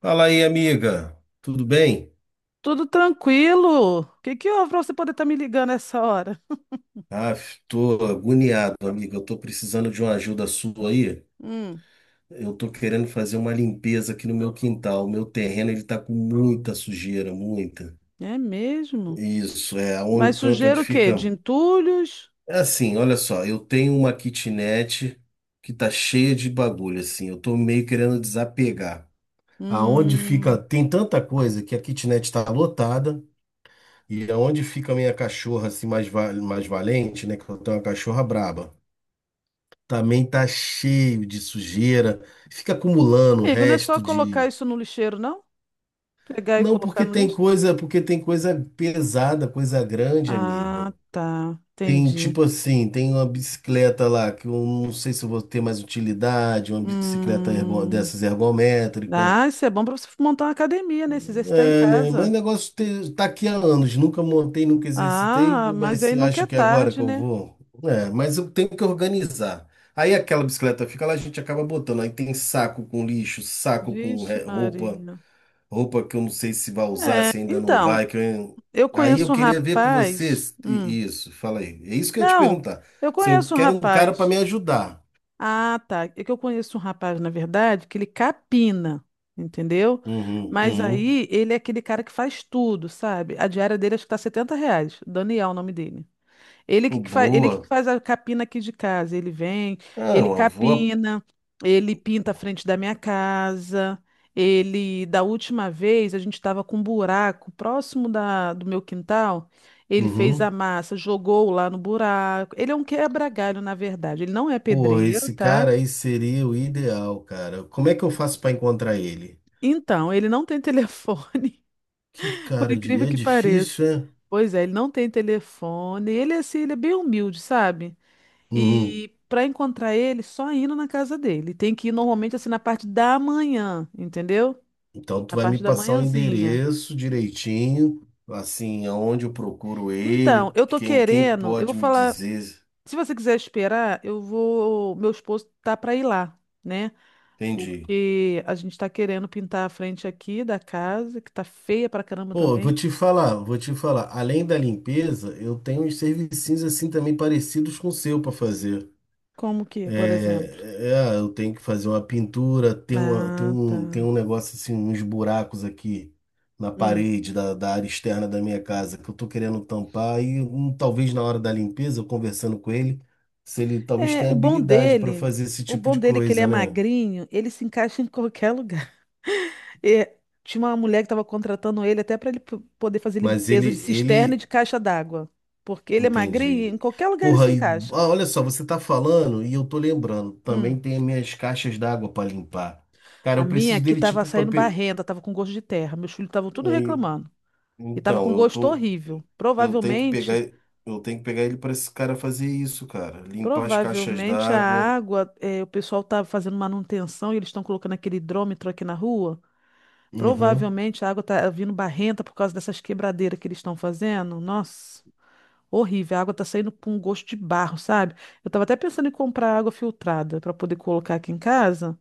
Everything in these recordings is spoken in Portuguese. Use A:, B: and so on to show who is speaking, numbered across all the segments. A: Fala aí, amiga. Tudo bem?
B: Tudo tranquilo. O que que houve pra você poder estar me ligando essa hora?
A: Ah, tô agoniado, amiga. Eu tô precisando de uma ajuda sua aí.
B: Hum,
A: Eu tô querendo fazer uma limpeza aqui no meu quintal. O meu terreno, ele tá com muita sujeira, muita.
B: é mesmo?
A: Isso, é um
B: Mas
A: canto onde
B: sujeira o quê? De
A: fica.
B: entulhos?
A: É assim, olha só. Eu tenho uma kitnet que tá cheia de bagulho, assim. Eu tô meio querendo desapegar. Aonde fica.
B: Hum,
A: Tem tanta coisa que a kitnet tá lotada. E aonde fica a minha cachorra assim mais valente, né? Que eu tenho uma cachorra braba. Também tá cheio de sujeira, fica acumulando o
B: amigo, não é só
A: resto
B: colocar
A: de.
B: isso no lixeiro, não? Pegar e
A: Não,
B: colocar no lixo?
A: porque tem coisa pesada, coisa grande, amiga.
B: Ah, tá.
A: Tem
B: Entendi.
A: tipo assim, tem uma bicicleta lá que eu não sei se eu vou ter mais utilidade, uma bicicleta
B: Hum,
A: dessas ergométrica.
B: ah, isso é bom pra você montar uma academia, né? Se exercitar em
A: É, né? Mas o
B: casa.
A: negócio tá aqui há anos, nunca montei, nunca exercitei,
B: Ah, mas
A: mas
B: aí nunca é
A: acho que é agora
B: tarde,
A: que eu
B: né?
A: vou. É, mas eu tenho que organizar. Aí aquela bicicleta fica lá, a gente acaba botando. Aí tem saco com lixo, saco com
B: Vixe, Maria.
A: roupa que eu não sei se vai usar,
B: É,
A: se ainda não
B: então,
A: vai. Que eu-.
B: eu
A: Aí eu
B: conheço um
A: queria ver com
B: rapaz.
A: vocês isso, fala aí. É isso que eu ia te
B: Não,
A: perguntar.
B: eu
A: Se eu
B: conheço um
A: quero um cara para
B: rapaz.
A: me ajudar.
B: Ah, tá. É que eu conheço um rapaz, na verdade, que ele capina, entendeu?
A: Uhum,
B: Mas
A: uhum.
B: aí ele é aquele cara que faz tudo, sabe? A diária dele acho que tá setenta R$ 70. Daniel, é o nome dele.
A: Pô,
B: Ele que
A: boa.
B: faz a capina aqui de casa. Ele vem,
A: Ah,
B: ele
A: uma boa.
B: capina, ele pinta a frente da minha casa. Ele, da última vez, a gente estava com um buraco próximo do meu quintal. Ele fez a
A: Uhum.
B: massa, jogou lá no buraco. Ele é um quebra-galho, na verdade. Ele não é
A: Pô,
B: pedreiro,
A: esse
B: tá?
A: cara aí seria o ideal, cara. Como é que eu faço pra encontrar ele?
B: Então, ele não tem telefone,
A: Que
B: por
A: cara de.
B: incrível
A: É
B: que pareça.
A: difícil, é?
B: Pois é, ele não tem telefone. Ele, é assim, ele é bem humilde, sabe?
A: Uhum.
B: E para encontrar ele, só indo na casa dele. Tem que ir normalmente assim na parte da manhã, entendeu?
A: Então tu
B: Na
A: vai me
B: parte da
A: passar o
B: manhãzinha.
A: endereço direitinho, assim, aonde eu procuro
B: Então,
A: ele,
B: eu tô
A: quem
B: querendo, eu vou
A: pode me
B: falar,
A: dizer.
B: se você quiser esperar, eu vou, meu esposo tá para ir lá, né?
A: Entendi.
B: Porque a gente tá querendo pintar a frente aqui da casa, que tá feia pra caramba
A: Pô,
B: também.
A: vou te falar, vou te falar. Além da limpeza, eu tenho uns serviços assim também parecidos com o seu pra fazer.
B: Como que, é, por exemplo?
A: Eu tenho que fazer uma pintura, tem uma, tem
B: Ah,
A: um, tem um
B: tá.
A: negócio assim, uns buracos aqui na
B: Hum.
A: parede da área externa da minha casa que eu tô querendo tampar e talvez na hora da limpeza, eu conversando com ele, se ele talvez
B: É,
A: tenha habilidade para fazer esse
B: o
A: tipo
B: bom
A: de
B: dele é que ele é
A: coisa, né?
B: magrinho, ele se encaixa em qualquer lugar. É, tinha uma mulher que estava contratando ele até para ele poder fazer
A: Mas ele,
B: limpeza de cisterna e de
A: ele,
B: caixa d'água. Porque ele é magrinho, e em
A: entendi.
B: qualquer lugar ele se
A: Porra, e,
B: encaixa.
A: olha só, você tá falando e eu tô lembrando, também
B: Hum.
A: tem as minhas caixas d'água para limpar. Cara,
B: A
A: eu
B: minha
A: preciso
B: aqui
A: dele
B: estava
A: tipo para.
B: saindo barrenta, estava com gosto de terra. Meus filhos estavam tudo
A: Aí,
B: reclamando. E estava
A: então,
B: com
A: eu
B: gosto
A: tô.
B: horrível.
A: Eu tenho que pegar,
B: Provavelmente,
A: eu tenho que pegar ele para esse cara fazer isso, cara. Limpar as caixas
B: provavelmente a
A: d'água.
B: água, o pessoal estava fazendo manutenção e eles estão colocando aquele hidrômetro aqui na rua.
A: Aham,
B: Provavelmente a água está vindo barrenta por causa dessas quebradeiras que eles estão fazendo. Nossa. Horrível, a água tá saindo com um gosto de barro, sabe? Eu tava até pensando em comprar água filtrada para poder colocar aqui em casa,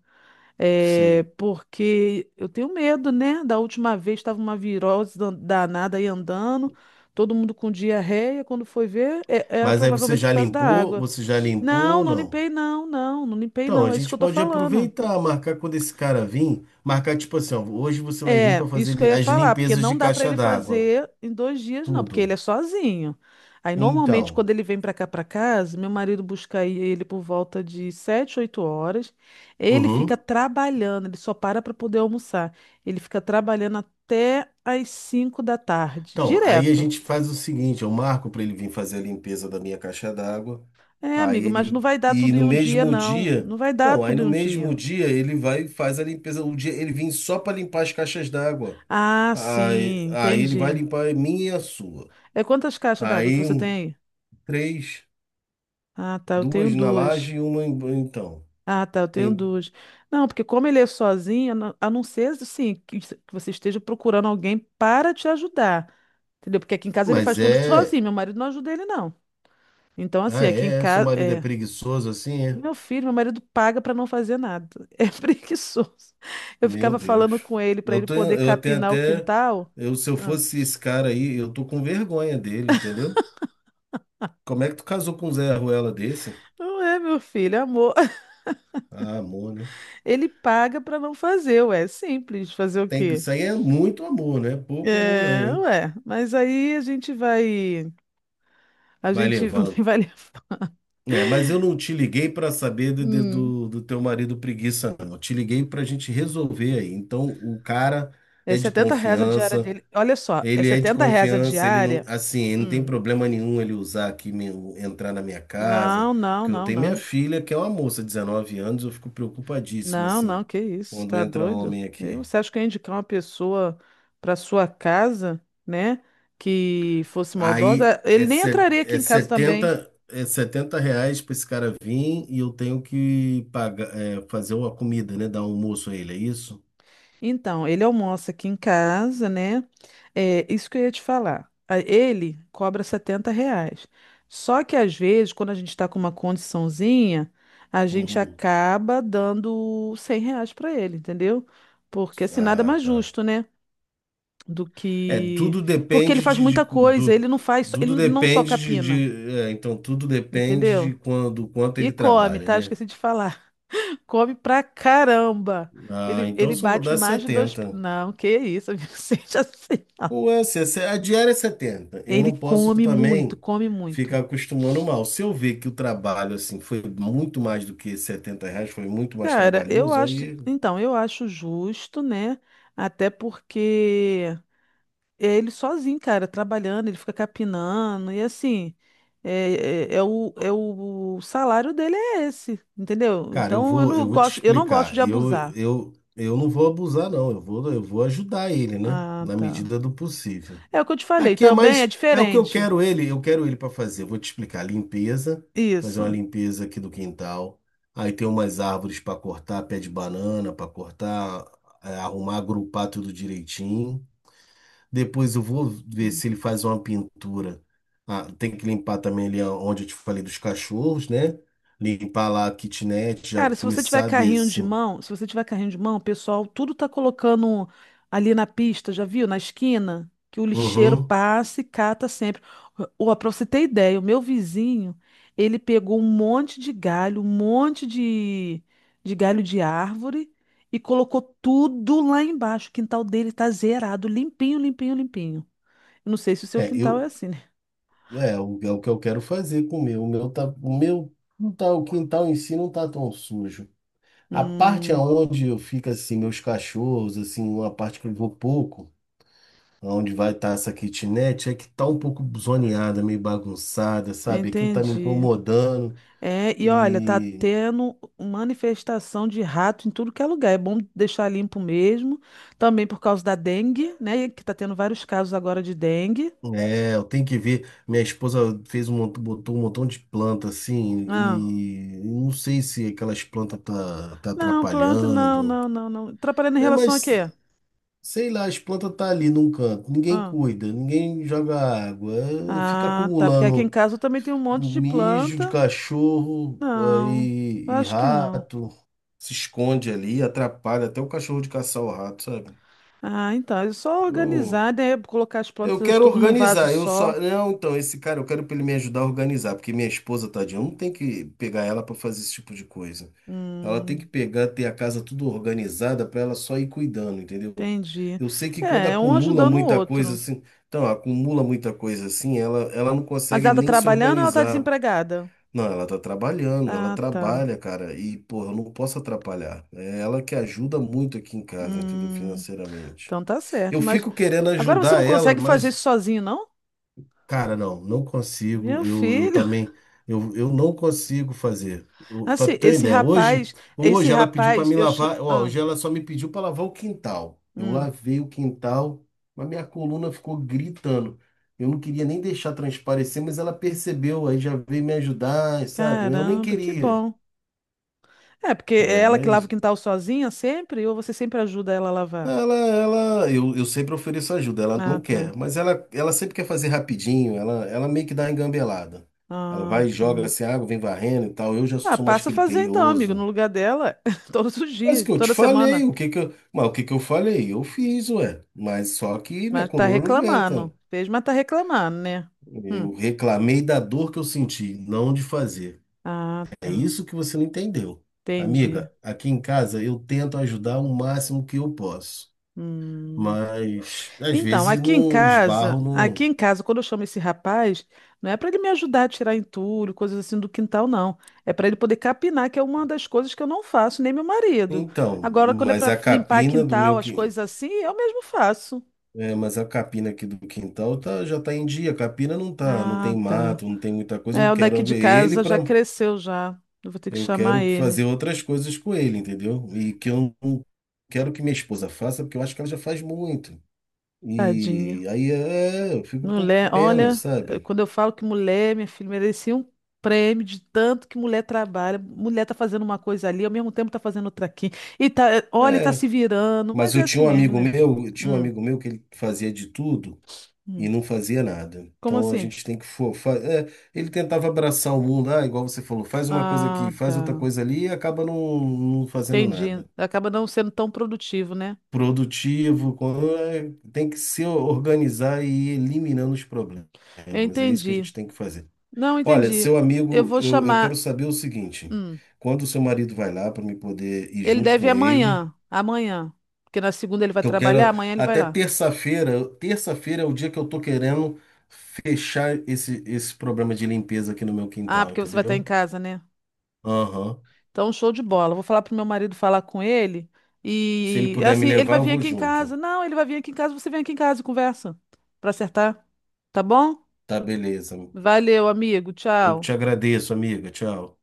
B: é,
A: sei.
B: porque eu tenho medo, né? Da última vez tava uma virose danada aí andando, todo mundo com diarreia, quando foi ver, era
A: Mas aí você
B: provavelmente por
A: já
B: causa da
A: limpou?
B: água.
A: Você já limpou
B: Não,
A: ou
B: não
A: não?
B: limpei não, não limpei
A: Então, a
B: não, é isso que
A: gente
B: eu tô
A: pode
B: falando.
A: aproveitar, marcar quando esse cara vir, marcar tipo assim, ó, hoje você vai vir
B: É,
A: para fazer
B: isso que eu ia
A: as
B: falar, porque
A: limpezas de
B: não dá para
A: caixa
B: ele
A: d'água,
B: fazer em dois dias, não, porque
A: tudo.
B: ele é sozinho. Aí, normalmente,
A: Então,
B: quando ele vem para cá para casa, meu marido busca aí ele por volta de 7, 8 horas. Ele fica
A: uhum.
B: trabalhando, ele só para para poder almoçar. Ele fica trabalhando até às 5 da tarde,
A: Então, aí a
B: direto.
A: gente faz o seguinte, eu marco para ele vir fazer a limpeza da minha caixa d'água.
B: É,
A: Aí
B: amigo, mas não
A: ele.
B: vai dar
A: E
B: tudo
A: no
B: em um dia,
A: mesmo
B: não.
A: dia.
B: Não vai dar
A: Então, aí
B: tudo em
A: no
B: um
A: mesmo
B: dia.
A: dia ele vai e faz a limpeza. O dia ele vem só para limpar as caixas d'água.
B: Ah,
A: Aí,
B: sim,
A: aí ele vai
B: entendi.
A: limpar a minha e a sua.
B: É quantas caixas d'água que
A: Aí
B: você tem
A: um,
B: aí?
A: três,
B: Ah, tá, eu tenho
A: duas na
B: duas.
A: laje e uma então.
B: Ah, tá, eu tenho
A: Tem.
B: duas. Não, porque como ele é sozinho, a não ser assim, que que você esteja procurando alguém para te ajudar. Entendeu? Porque aqui em casa ele faz
A: Mas
B: tudo sozinho, meu
A: é.
B: marido não ajuda ele, não. Então, assim,
A: Ah,
B: aqui em
A: é? Seu
B: casa,
A: marido é
B: é.
A: preguiçoso assim, é?
B: Meu filho, meu marido paga para não fazer nada. É preguiçoso. Eu
A: Meu
B: ficava
A: Deus.
B: falando com ele para ele poder
A: Eu tenho
B: capinar o
A: até.
B: quintal.
A: Se eu
B: Ah,
A: fosse esse cara aí, eu tô com vergonha dele, entendeu? Como é que tu casou com um Zé Ruela desse?
B: Não é, meu filho, é amor.
A: Ah, amor, né?
B: Ele paga para não fazer, ué. É simples, fazer o quê?
A: Isso aí é muito amor, não é pouco amor
B: É,
A: não, hein?
B: ué. Mas aí a gente vai. A
A: Vai
B: gente
A: levando.
B: vai.
A: É, mas eu não te liguei para saber de- de-
B: Hum.
A: do, do teu marido preguiça, não. Eu te liguei para a gente resolver aí. Então, o cara
B: É
A: é de
B: R$ 70 a diária
A: confiança,
B: dele. Olha só, é
A: ele é de
B: R$ 70 a
A: confiança, ele não,
B: diária.
A: assim, ele não tem
B: Hum.
A: problema nenhum ele usar aqui, entrar na minha casa,
B: Não, não,
A: porque eu
B: não,
A: tenho minha
B: não.
A: filha, que é uma moça, 19 anos, eu fico preocupadíssimo,
B: Não, não,
A: assim,
B: que isso,
A: quando
B: tá
A: entra
B: doido?
A: homem aqui.
B: Você acha que eu ia indicar uma pessoa para sua casa, né? Que fosse
A: Aí
B: maldosa? Ele nem entraria aqui
A: é
B: em casa também.
A: setenta é setenta reais para esse cara vir e eu tenho que pagar, fazer uma comida, né? Dar um almoço a ele, é isso?
B: Então, ele almoça aqui em casa, né? É, isso que eu ia te falar. Ele cobra R$ 70. Só que às vezes, quando a gente está com uma condiçãozinha, a gente
A: Uhum.
B: acaba dando R$ 100 para ele, entendeu? Porque assim, nada
A: Ah,
B: mais
A: tá.
B: justo, né? Do
A: É,
B: que.
A: tudo
B: Porque ele
A: depende
B: faz muita coisa, ele não só capina,
A: então tudo depende
B: entendeu?
A: de quando, do quanto
B: E
A: ele
B: come,
A: trabalha,
B: tá? Eu
A: né?
B: esqueci de falar. Come pra caramba.
A: Ah,
B: Ele,
A: então eu
B: ele
A: só vou
B: bate
A: dar
B: mais de dois.
A: 70.
B: Não, que isso, amigo, seja assim, não.
A: Ou é, se- A diária é 70, eu
B: Ele
A: não posso
B: come muito,
A: também
B: come muito.
A: ficar acostumando mal. Se eu ver que o trabalho assim foi muito mais do que 70 reais, foi muito mais
B: Cara, eu
A: trabalhoso,
B: acho.
A: aí,
B: Então, eu acho justo, né? Até porque é ele sozinho, cara, trabalhando, ele fica capinando, e assim. É o salário dele é esse, entendeu?
A: cara, eu
B: Então
A: vou, eu vou te
B: eu não gosto de
A: explicar. Eu,
B: abusar.
A: eu, eu não vou abusar, não. Eu vou ajudar ele, né?
B: Ah,
A: Na
B: tá.
A: medida do possível.
B: É o que eu te falei,
A: Aqui é
B: também é
A: mais, é o que eu
B: diferente.
A: quero ele, eu quero ele para fazer. Eu vou te explicar, limpeza, fazer uma
B: Isso.
A: limpeza aqui do quintal. Aí tem umas árvores para cortar, pé de banana para cortar, arrumar, agrupar tudo direitinho. Depois eu vou ver se ele faz uma pintura. Ah, tem que limpar também ali onde eu te falei dos cachorros, né? Limpar lá a kitnet, já
B: Cara, se você tiver
A: começar
B: carrinho
A: desse.
B: de mão, se você tiver carrinho de mão, o pessoal tudo tá colocando ali na pista, já viu? Na esquina, que o lixeiro
A: Uhum.
B: passa e cata sempre. Ó, pra você ter ideia, o meu vizinho, ele pegou um monte de galho, de galho de árvore e colocou tudo lá embaixo. O quintal dele tá zerado, limpinho, limpinho, limpinho. Eu não sei se o seu
A: É,
B: quintal é
A: eu,
B: assim, né?
A: É o que eu quero fazer com o meu. O meu não tá, o quintal em si não tá tão sujo. A parte
B: Hum,
A: aonde eu fico assim, meus cachorros, assim, uma parte que eu vou pouco, aonde vai estar essa kitnet, é que tá um pouco zoneada, meio bagunçada, sabe? Aquilo tá me
B: entendi.
A: incomodando
B: É, e olha, tá
A: e
B: tendo manifestação de rato em tudo que é lugar. É bom deixar limpo mesmo. Também por causa da dengue, né? Que tá tendo vários casos agora de dengue.
A: eu tenho que ver. Minha esposa botou um montão de planta assim
B: Ah,
A: e não sei se aquelas plantas tá
B: não, planta, não,
A: atrapalhando.
B: não, não, não. Atrapalhando em
A: É,
B: relação a
A: mas.
B: quê?
A: Sei lá, as plantas tá ali num canto, ninguém
B: Ah,
A: cuida, ninguém joga água, fica
B: ah, tá. Porque aqui em
A: acumulando
B: casa eu também tem um monte de
A: mijo de
B: planta.
A: cachorro
B: Não,
A: e
B: acho que não.
A: rato, se esconde ali, atrapalha até o cachorro de caçar o rato, sabe?
B: Ah, então, é só
A: Eu
B: organizar, né? Colocar as
A: eu
B: plantas
A: quero
B: tudo num vaso
A: organizar, eu só.
B: só.
A: Não, então, esse cara, eu quero pra ele me ajudar a organizar, porque minha esposa, tadinha, eu não tem que pegar ela pra fazer esse tipo de coisa. Ela tem que
B: Hum,
A: pegar, ter a casa tudo organizada pra ela só ir cuidando, entendeu?
B: entendi.
A: Eu sei que quando
B: É, é um
A: acumula
B: ajudando o
A: muita coisa
B: outro.
A: assim, então, acumula muita coisa assim, ela não
B: Mas
A: consegue
B: ela tá
A: nem se
B: trabalhando ou ela tá
A: organizar.
B: desempregada?
A: Não, ela tá trabalhando, ela
B: Ah, tá.
A: trabalha, cara, e, porra, eu não posso atrapalhar. É ela que ajuda muito aqui em casa, entendeu?
B: Hum,
A: Financeiramente.
B: então tá certo.
A: Eu
B: Mas
A: fico querendo
B: agora você não
A: ajudar ela,
B: consegue fazer
A: mas.
B: isso sozinho, não?
A: Cara, não, não consigo.
B: Meu
A: Eu
B: filho.
A: também, eu não consigo fazer. Para Pra
B: Assim,
A: ter uma ideia, hoje,
B: esse
A: hoje ela pediu para
B: rapaz,
A: me
B: eu. Cha-
A: lavar. Ó,
B: Ah,
A: hoje ela só me pediu para lavar o quintal. Eu
B: hum.
A: lavei o quintal, mas minha coluna ficou gritando. Eu não queria nem deixar transparecer, mas ela percebeu, aí já veio me ajudar, sabe? Eu nem
B: Caramba, que
A: queria.
B: bom. É, porque é
A: É,
B: ela que lava o
A: mas
B: quintal sozinha sempre, ou você sempre ajuda ela a lavar?
A: Eu sempre ofereço ajuda, ela
B: Ah,
A: não
B: tá.
A: quer, mas ela sempre quer fazer rapidinho, ela meio que dá uma engambelada. Ela
B: Ah,
A: vai e
B: tá.
A: joga assim, água, vem varrendo e tal. Eu já
B: Ah,
A: sou mais
B: passa a fazer então, amigo, no
A: criterioso.
B: lugar dela, todos os
A: Mas o
B: dias,
A: que eu te
B: toda
A: falei,
B: semana.
A: o que que eu falei? Eu fiz, ué, mas só que minha
B: Mas tá
A: coluna não
B: reclamando.
A: aguenta.
B: Fez, mas tá reclamando, né? Hum.
A: Eu reclamei da dor que eu senti, não de fazer.
B: Ah,
A: É
B: tá.
A: isso que você não entendeu.
B: Entendi.
A: Amiga, aqui em casa eu tento ajudar o máximo que eu posso.
B: Hum.
A: Mas às
B: Então,
A: vezes não esbarro
B: aqui
A: no.
B: em casa, quando eu chamo esse rapaz, não é para ele me ajudar a tirar entulho, coisas assim do quintal, não. É para ele poder capinar, que é uma das coisas que eu não faço, nem meu marido.
A: Então,
B: Agora, quando é
A: mas
B: para
A: a
B: limpar
A: capina do
B: quintal,
A: meu
B: as
A: que
B: coisas assim, eu mesmo faço.
A: é, mas a capina aqui do quintal tá, já tá em dia. A capina não tá, não tem
B: Ah, tá.
A: mato, não tem muita coisa.
B: É, o daqui de casa já cresceu já. Eu vou ter que
A: Eu
B: chamar
A: quero
B: ele.
A: fazer outras coisas com ele, entendeu? E que eu não quero que minha esposa faça, porque eu acho que ela já faz muito.
B: Tadinha.
A: E aí eu fico com
B: Mulher,
A: pena,
B: olha,
A: sabe?
B: quando eu falo que mulher, minha filha, merecia um prêmio de tanto que mulher trabalha. Mulher tá fazendo uma coisa ali, ao mesmo tempo tá fazendo outra aqui. E tá, olha, e tá
A: É,
B: se virando,
A: mas
B: mas
A: eu
B: é assim
A: tinha um
B: mesmo,
A: amigo
B: né?
A: meu, eu tinha um
B: Hum,
A: amigo meu que ele fazia de tudo. E
B: hum.
A: não fazia nada.
B: Como
A: Então a
B: assim?
A: gente tem que. Ele tentava abraçar o mundo, ah, igual você falou, faz uma coisa aqui,
B: Ah,
A: faz outra
B: tá.
A: coisa ali e acaba não fazendo
B: Entendi.
A: nada.
B: Acaba não sendo tão produtivo, né?
A: Produtivo, tem que se organizar e ir eliminando os problemas. É,
B: Eu
A: mas é isso que a
B: entendi.
A: gente tem que fazer.
B: Não,
A: Olha,
B: entendi.
A: seu
B: Eu
A: amigo,
B: vou
A: eu
B: chamar.
A: quero saber o seguinte:
B: Hum.
A: quando o seu marido vai lá para me poder ir
B: Ele
A: junto
B: deve ir
A: com ele.
B: amanhã. Amanhã. Porque na segunda ele vai
A: Que eu
B: trabalhar,
A: quero
B: amanhã ele vai
A: até
B: lá.
A: terça-feira. Terça-feira é o dia que eu tô querendo fechar esse problema de limpeza aqui no meu
B: Ah,
A: quintal,
B: porque você vai estar em
A: entendeu?
B: casa, né?
A: Aham.
B: Então, show de bola. Vou falar pro meu marido falar com ele.
A: Se ele
B: E
A: puder me
B: assim, ele
A: levar,
B: vai
A: eu
B: vir
A: vou
B: aqui em
A: junto.
B: casa. Não, ele vai vir aqui em casa, você vem aqui em casa e conversa. Pra acertar. Tá bom?
A: Tá, beleza.
B: Valeu, amigo.
A: Eu
B: Tchau.
A: te agradeço, amiga. Tchau.